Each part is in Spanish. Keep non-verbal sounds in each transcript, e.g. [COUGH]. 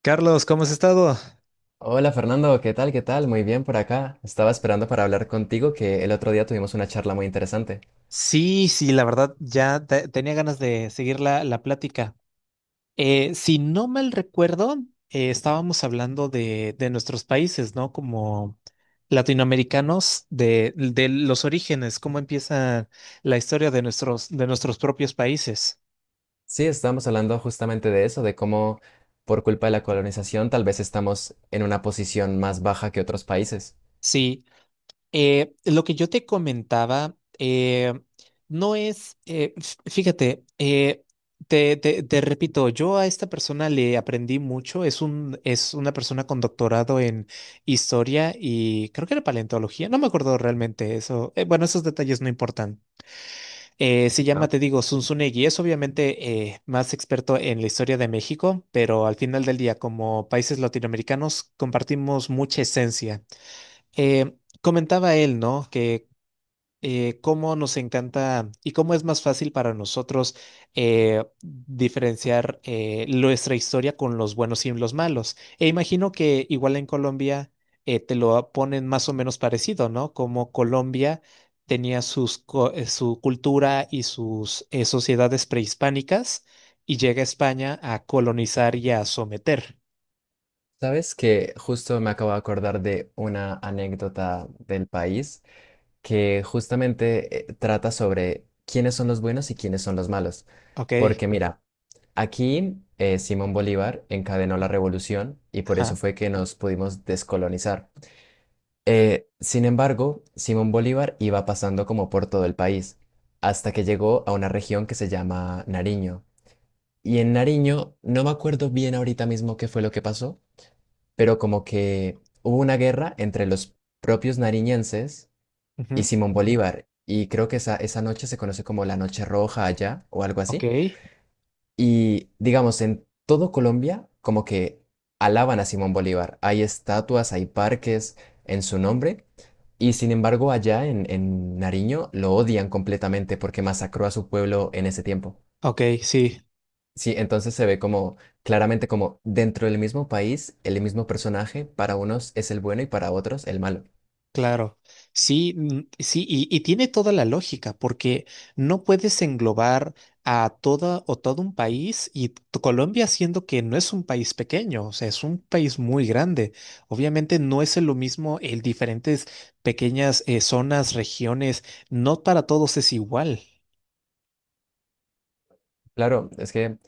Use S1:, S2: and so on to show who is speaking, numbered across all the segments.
S1: Carlos, ¿cómo has estado?
S2: Hola Fernando, ¿qué tal? ¿Qué tal? Muy bien por acá. Estaba esperando para hablar contigo que el otro día tuvimos una charla muy interesante.
S1: Sí, sí, la verdad, tenía ganas de seguir la plática. Si no mal recuerdo, estábamos hablando de nuestros países, ¿no? Como latinoamericanos, de los orígenes, cómo empieza la historia de nuestros propios países.
S2: Sí, estábamos hablando justamente de eso, de cómo por culpa de la colonización tal vez estamos en una posición más baja que otros países.
S1: Sí. Lo que yo te comentaba, no es, fíjate, te repito, yo a esta persona le aprendí mucho, es una persona con doctorado en historia y creo que era paleontología, no me acuerdo realmente eso. Bueno, Esos detalles no importan. Se
S2: Ah.
S1: llama, te digo, Zunzunegui, es obviamente más experto en la historia de México, pero al final del día, como países latinoamericanos, compartimos mucha esencia. Eh, Comentaba él, ¿no? Que cómo nos encanta y cómo es más fácil para nosotros diferenciar nuestra historia con los buenos y los malos. E imagino que igual en Colombia te lo ponen más o menos parecido, ¿no? Como Colombia tenía su cultura y sus sociedades prehispánicas y llega a España a colonizar y a someter.
S2: Sabes que justo me acabo de acordar de una anécdota del país que justamente trata sobre quiénes son los buenos y quiénes son los malos.
S1: Ok.
S2: Porque mira, aquí Simón Bolívar encadenó la revolución y por
S1: Ajá.
S2: eso fue que nos pudimos descolonizar. Sin embargo, Simón Bolívar iba pasando como por todo el país, hasta que llegó a una región que se llama Nariño. Y en Nariño, no me acuerdo bien ahorita mismo qué fue lo que pasó, pero como que hubo una guerra entre los propios nariñenses y
S1: Ujú.
S2: Simón Bolívar. Y creo que esa noche se conoce como la Noche Roja allá o algo
S1: Ok.
S2: así. Y digamos, en todo Colombia, como que alaban a Simón Bolívar. Hay estatuas, hay parques en su nombre. Y sin embargo, allá en Nariño lo odian completamente porque masacró a su pueblo en ese tiempo.
S1: Ok, sí.
S2: Sí, entonces se ve como claramente como dentro del mismo país, el mismo personaje, para unos es el bueno y para otros el malo.
S1: Claro, sí, mm, sí, y tiene toda la lógica, porque no puedes englobar a toda o todo un país y Colombia, siendo que no es un país pequeño, o sea, es un país muy grande. Obviamente no es lo mismo el diferentes pequeñas zonas, regiones, no para todos es igual,
S2: Claro, es que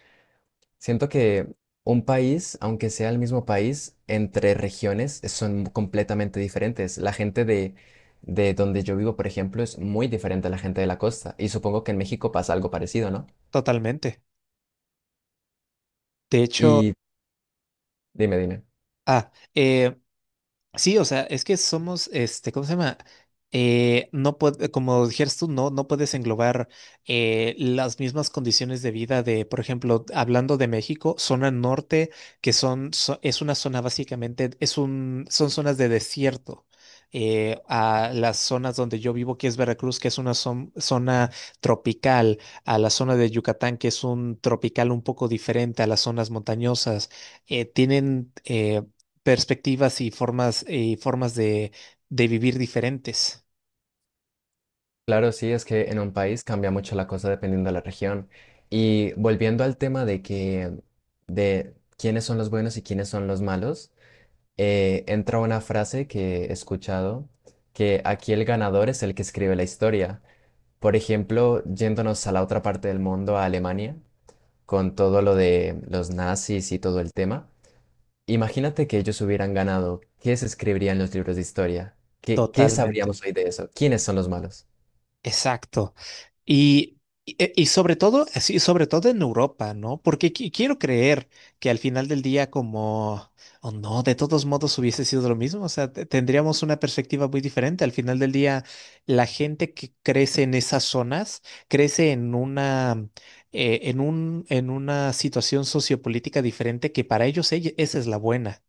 S2: siento que un país, aunque sea el mismo país, entre regiones son completamente diferentes. La gente de donde yo vivo, por ejemplo, es muy diferente a la gente de la costa. Y supongo que en México pasa algo parecido, ¿no?
S1: totalmente. De hecho,
S2: Y dime, dime.
S1: ah, eh, sí, o sea, es que somos, este, ¿cómo se llama? No puede, como dijeras tú, no, no puedes englobar las mismas condiciones de vida de, por ejemplo, hablando de México, zona norte, es una zona básicamente, son zonas de desierto. A las zonas donde yo vivo, que es Veracruz, que es una zona tropical, a la zona de Yucatán, que es un tropical un poco diferente a las zonas montañosas, tienen perspectivas y formas de vivir diferentes.
S2: Claro, sí, es que en un país cambia mucho la cosa dependiendo de la región. Y volviendo al tema de que, de quiénes son los buenos y quiénes son los malos, entra una frase que he escuchado, que aquí el ganador es el que escribe la historia. Por ejemplo, yéndonos a la otra parte del mundo, a Alemania, con todo lo de los nazis y todo el tema, imagínate que ellos hubieran ganado, ¿qué se escribiría en los libros de historia? ¿Qué, qué sabríamos
S1: Totalmente.
S2: hoy de eso? ¿Quiénes son los malos?
S1: Exacto. Y sobre todo, sí, sobre todo en Europa, ¿no? Porque quiero creer que al final del día, como, o no, de todos modos hubiese sido lo mismo. O sea, tendríamos una perspectiva muy diferente. Al final del día, la gente que crece en esas zonas crece en una situación sociopolítica diferente que para ellos esa es la buena.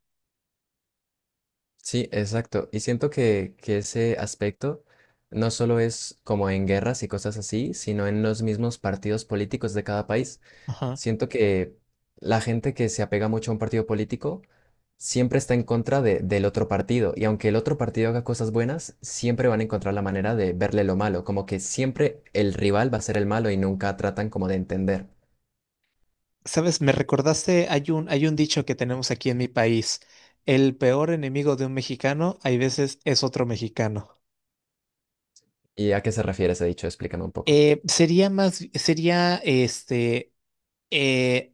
S2: Sí, exacto. Y siento que ese aspecto no solo es como en guerras y cosas así, sino en los mismos partidos políticos de cada país.
S1: Ajá.
S2: Siento que la gente que se apega mucho a un partido político siempre está en contra de- del otro partido y aunque el otro partido haga cosas buenas, siempre van a encontrar la manera de verle lo malo, como que siempre el rival va a ser el malo y nunca tratan como de entender.
S1: Sabes, me recordaste, hay un dicho que tenemos aquí en mi país. El peor enemigo de un mexicano, hay veces, es otro mexicano.
S2: ¿Y a qué se refiere ese dicho? Explícame un poco.
S1: Sería este, eh,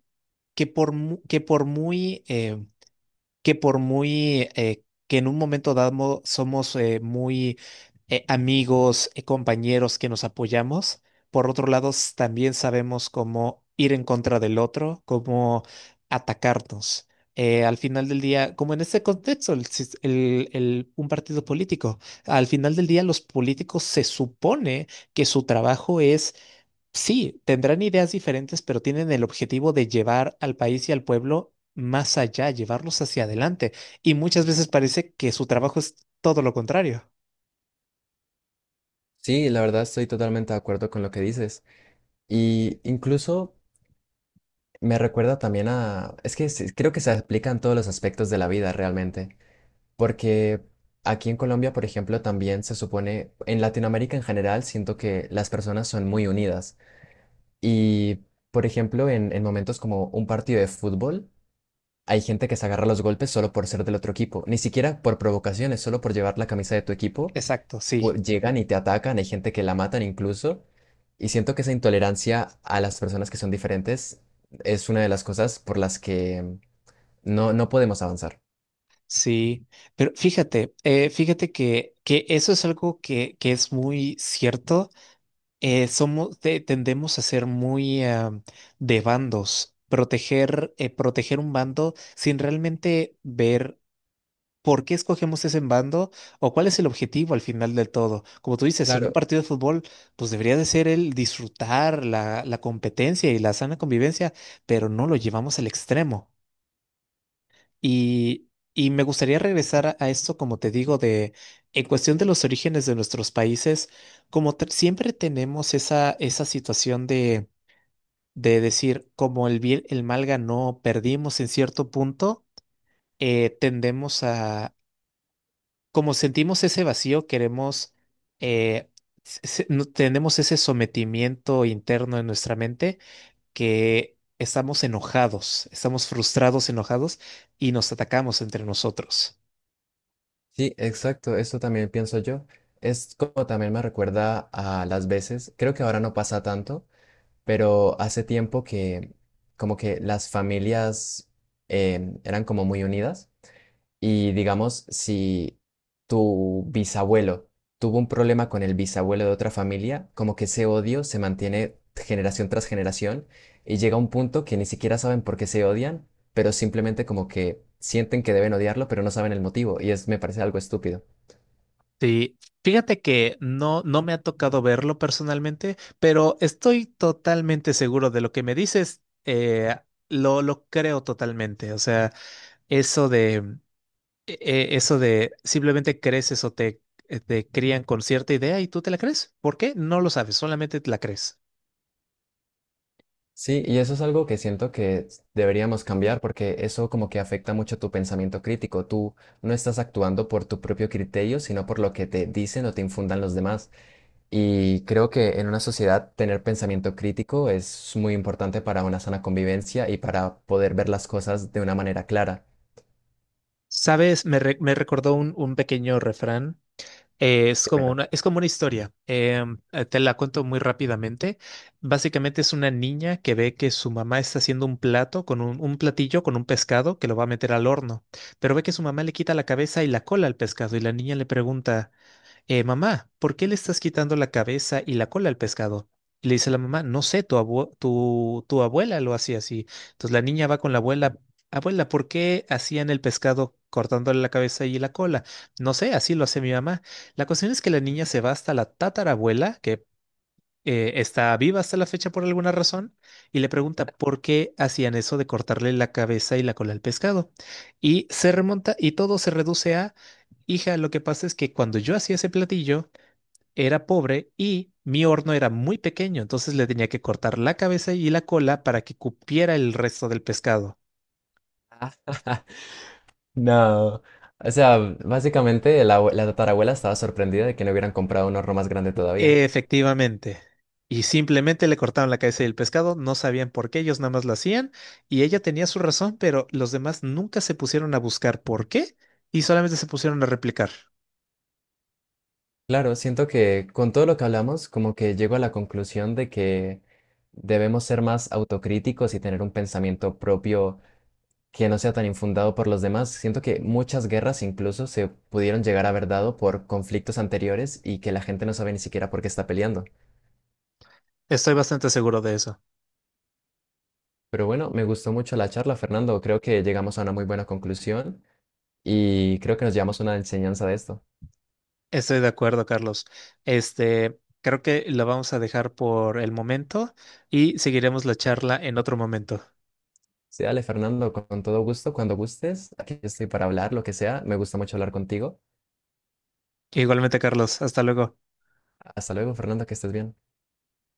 S1: que por, mu- que por muy, eh, que por muy que en un momento dado somos muy amigos, compañeros que nos apoyamos, por otro lado también sabemos cómo ir en contra del otro, cómo atacarnos. Al final del día, como en este contexto, el sis- el- un partido político, al final del día los políticos se supone que su trabajo es. Sí, tendrán ideas diferentes, pero tienen el objetivo de llevar al país y al pueblo más allá, llevarlos hacia adelante. Y muchas veces parece que su trabajo es todo lo contrario.
S2: Sí, la verdad estoy totalmente de acuerdo con lo que dices y incluso me recuerda también a... Es que sí, creo que se aplica en todos los aspectos de la vida realmente. Porque aquí en Colombia, por ejemplo, también se supone, en Latinoamérica en general, siento que las personas son muy unidas. Y, por ejemplo, en momentos como un partido de fútbol, hay gente que se agarra a los golpes solo por ser del otro equipo, ni siquiera por provocaciones, solo por llevar la camisa de tu equipo,
S1: Exacto, sí,
S2: pu- llegan y te atacan, hay gente que la matan incluso. Y siento que esa intolerancia a las personas que son diferentes es una de las cosas por las que no podemos avanzar.
S1: sí. Pero fíjate, fíjate que eso es algo que es muy cierto. Somos, tendemos a ser muy de bandos, proteger, proteger un bando sin realmente ver. ¿Por qué escogemos ese bando? ¿O cuál es el objetivo al final del todo? Como tú dices, en un
S2: Claro.
S1: partido de fútbol, pues debería de ser el disfrutar la competencia y la sana convivencia, pero no lo llevamos al extremo. Y, y me gustaría regresar a esto, como te digo, de en cuestión de los orígenes de nuestros países, como siempre tenemos esa situación de decir, como el bien, el mal ganó, perdimos en cierto punto. Tendemos, como sentimos ese vacío, queremos, eh, tenemos ese sometimiento interno en nuestra mente, que estamos enojados, estamos frustrados, enojados y nos atacamos entre nosotros.
S2: Sí, exacto, eso también pienso yo. Es como también me recuerda a las veces, creo que ahora no pasa tanto, pero hace tiempo que como que las familias eran como muy unidas y digamos, si tu bisabuelo tuvo un problema con el bisabuelo de otra familia, como que ese odio se mantiene generación tras generación y llega un punto que ni siquiera saben por qué se odian, pero simplemente como que sienten que deben odiarlo, pero no saben el motivo y es, me parece algo estúpido.
S1: Sí, fíjate que no, no me ha tocado verlo personalmente, pero estoy totalmente seguro de lo que me dices. Lo creo totalmente. O sea, eso de Eso de simplemente creces o te crían con cierta idea y tú te la crees. ¿Por qué? No lo sabes, solamente te la crees.
S2: Sí, y eso es algo que siento que deberíamos cambiar porque eso como que afecta mucho tu pensamiento crítico. Tú no estás actuando por tu propio criterio, sino por lo que te dicen o te infundan los demás. Y creo que en una sociedad tener pensamiento crítico es muy importante para una sana convivencia y para poder ver las cosas de una manera clara.
S1: Sabes, me recordó un pequeño refrán. Es como
S2: Dímelo.
S1: una, es como una historia. Te la cuento muy rápidamente. Básicamente es una niña que ve que su mamá está haciendo un plato con un platillo con un pescado que lo va a meter al horno, pero ve que su mamá le quita la cabeza y la cola al pescado y la niña le pregunta. Mamá, ¿por qué le estás quitando la cabeza y la cola al pescado? Y le dice la mamá, no sé, tu abuela lo hacía así. Entonces la niña va con la abuela. Abuela, ¿por qué hacían el pescado cortándole la cabeza y la cola? No sé, así lo hace mi mamá. La cuestión es que la niña se va hasta la tatarabuela, que está viva hasta la fecha por alguna razón, y le pregunta por qué hacían eso de cortarle la cabeza y la cola al pescado. Y se remonta y todo se reduce a... Hija, lo que pasa es que cuando yo hacía ese platillo, era pobre y mi horno era muy pequeño, entonces le tenía que cortar la cabeza y la cola para que cupiera el resto del pescado.
S2: [LAUGHS] No. O sea, básicamente la, abue- la tatarabuela estaba sorprendida de que no hubieran comprado un horno más grande todavía.
S1: Efectivamente. Y simplemente le cortaron la cabeza y el pescado, no sabían por qué, ellos nada más lo hacían y ella tenía su razón, pero los demás nunca se pusieron a buscar por qué y solamente se pusieron a replicar.
S2: Claro, siento que con todo lo que hablamos, como que llego a la conclusión de que debemos ser más autocríticos y tener un pensamiento propio que no sea tan infundado por los demás. Siento que muchas guerras incluso se pudieron llegar a haber dado por conflictos anteriores y que la gente no sabe ni siquiera por qué está peleando.
S1: Estoy bastante seguro de eso.
S2: Pero bueno, me gustó mucho la charla, Fernando. Creo que llegamos a una muy buena conclusión y creo que nos llevamos una enseñanza de esto.
S1: Estoy de acuerdo, Carlos. Este, creo que lo vamos a dejar por el momento y seguiremos la charla en otro momento.
S2: Sí, dale, Fernando, con todo gusto, cuando gustes. Aquí estoy para hablar, lo que sea. Me gusta mucho hablar contigo.
S1: Igualmente, Carlos, hasta luego.
S2: Hasta luego, Fernando, que estés bien.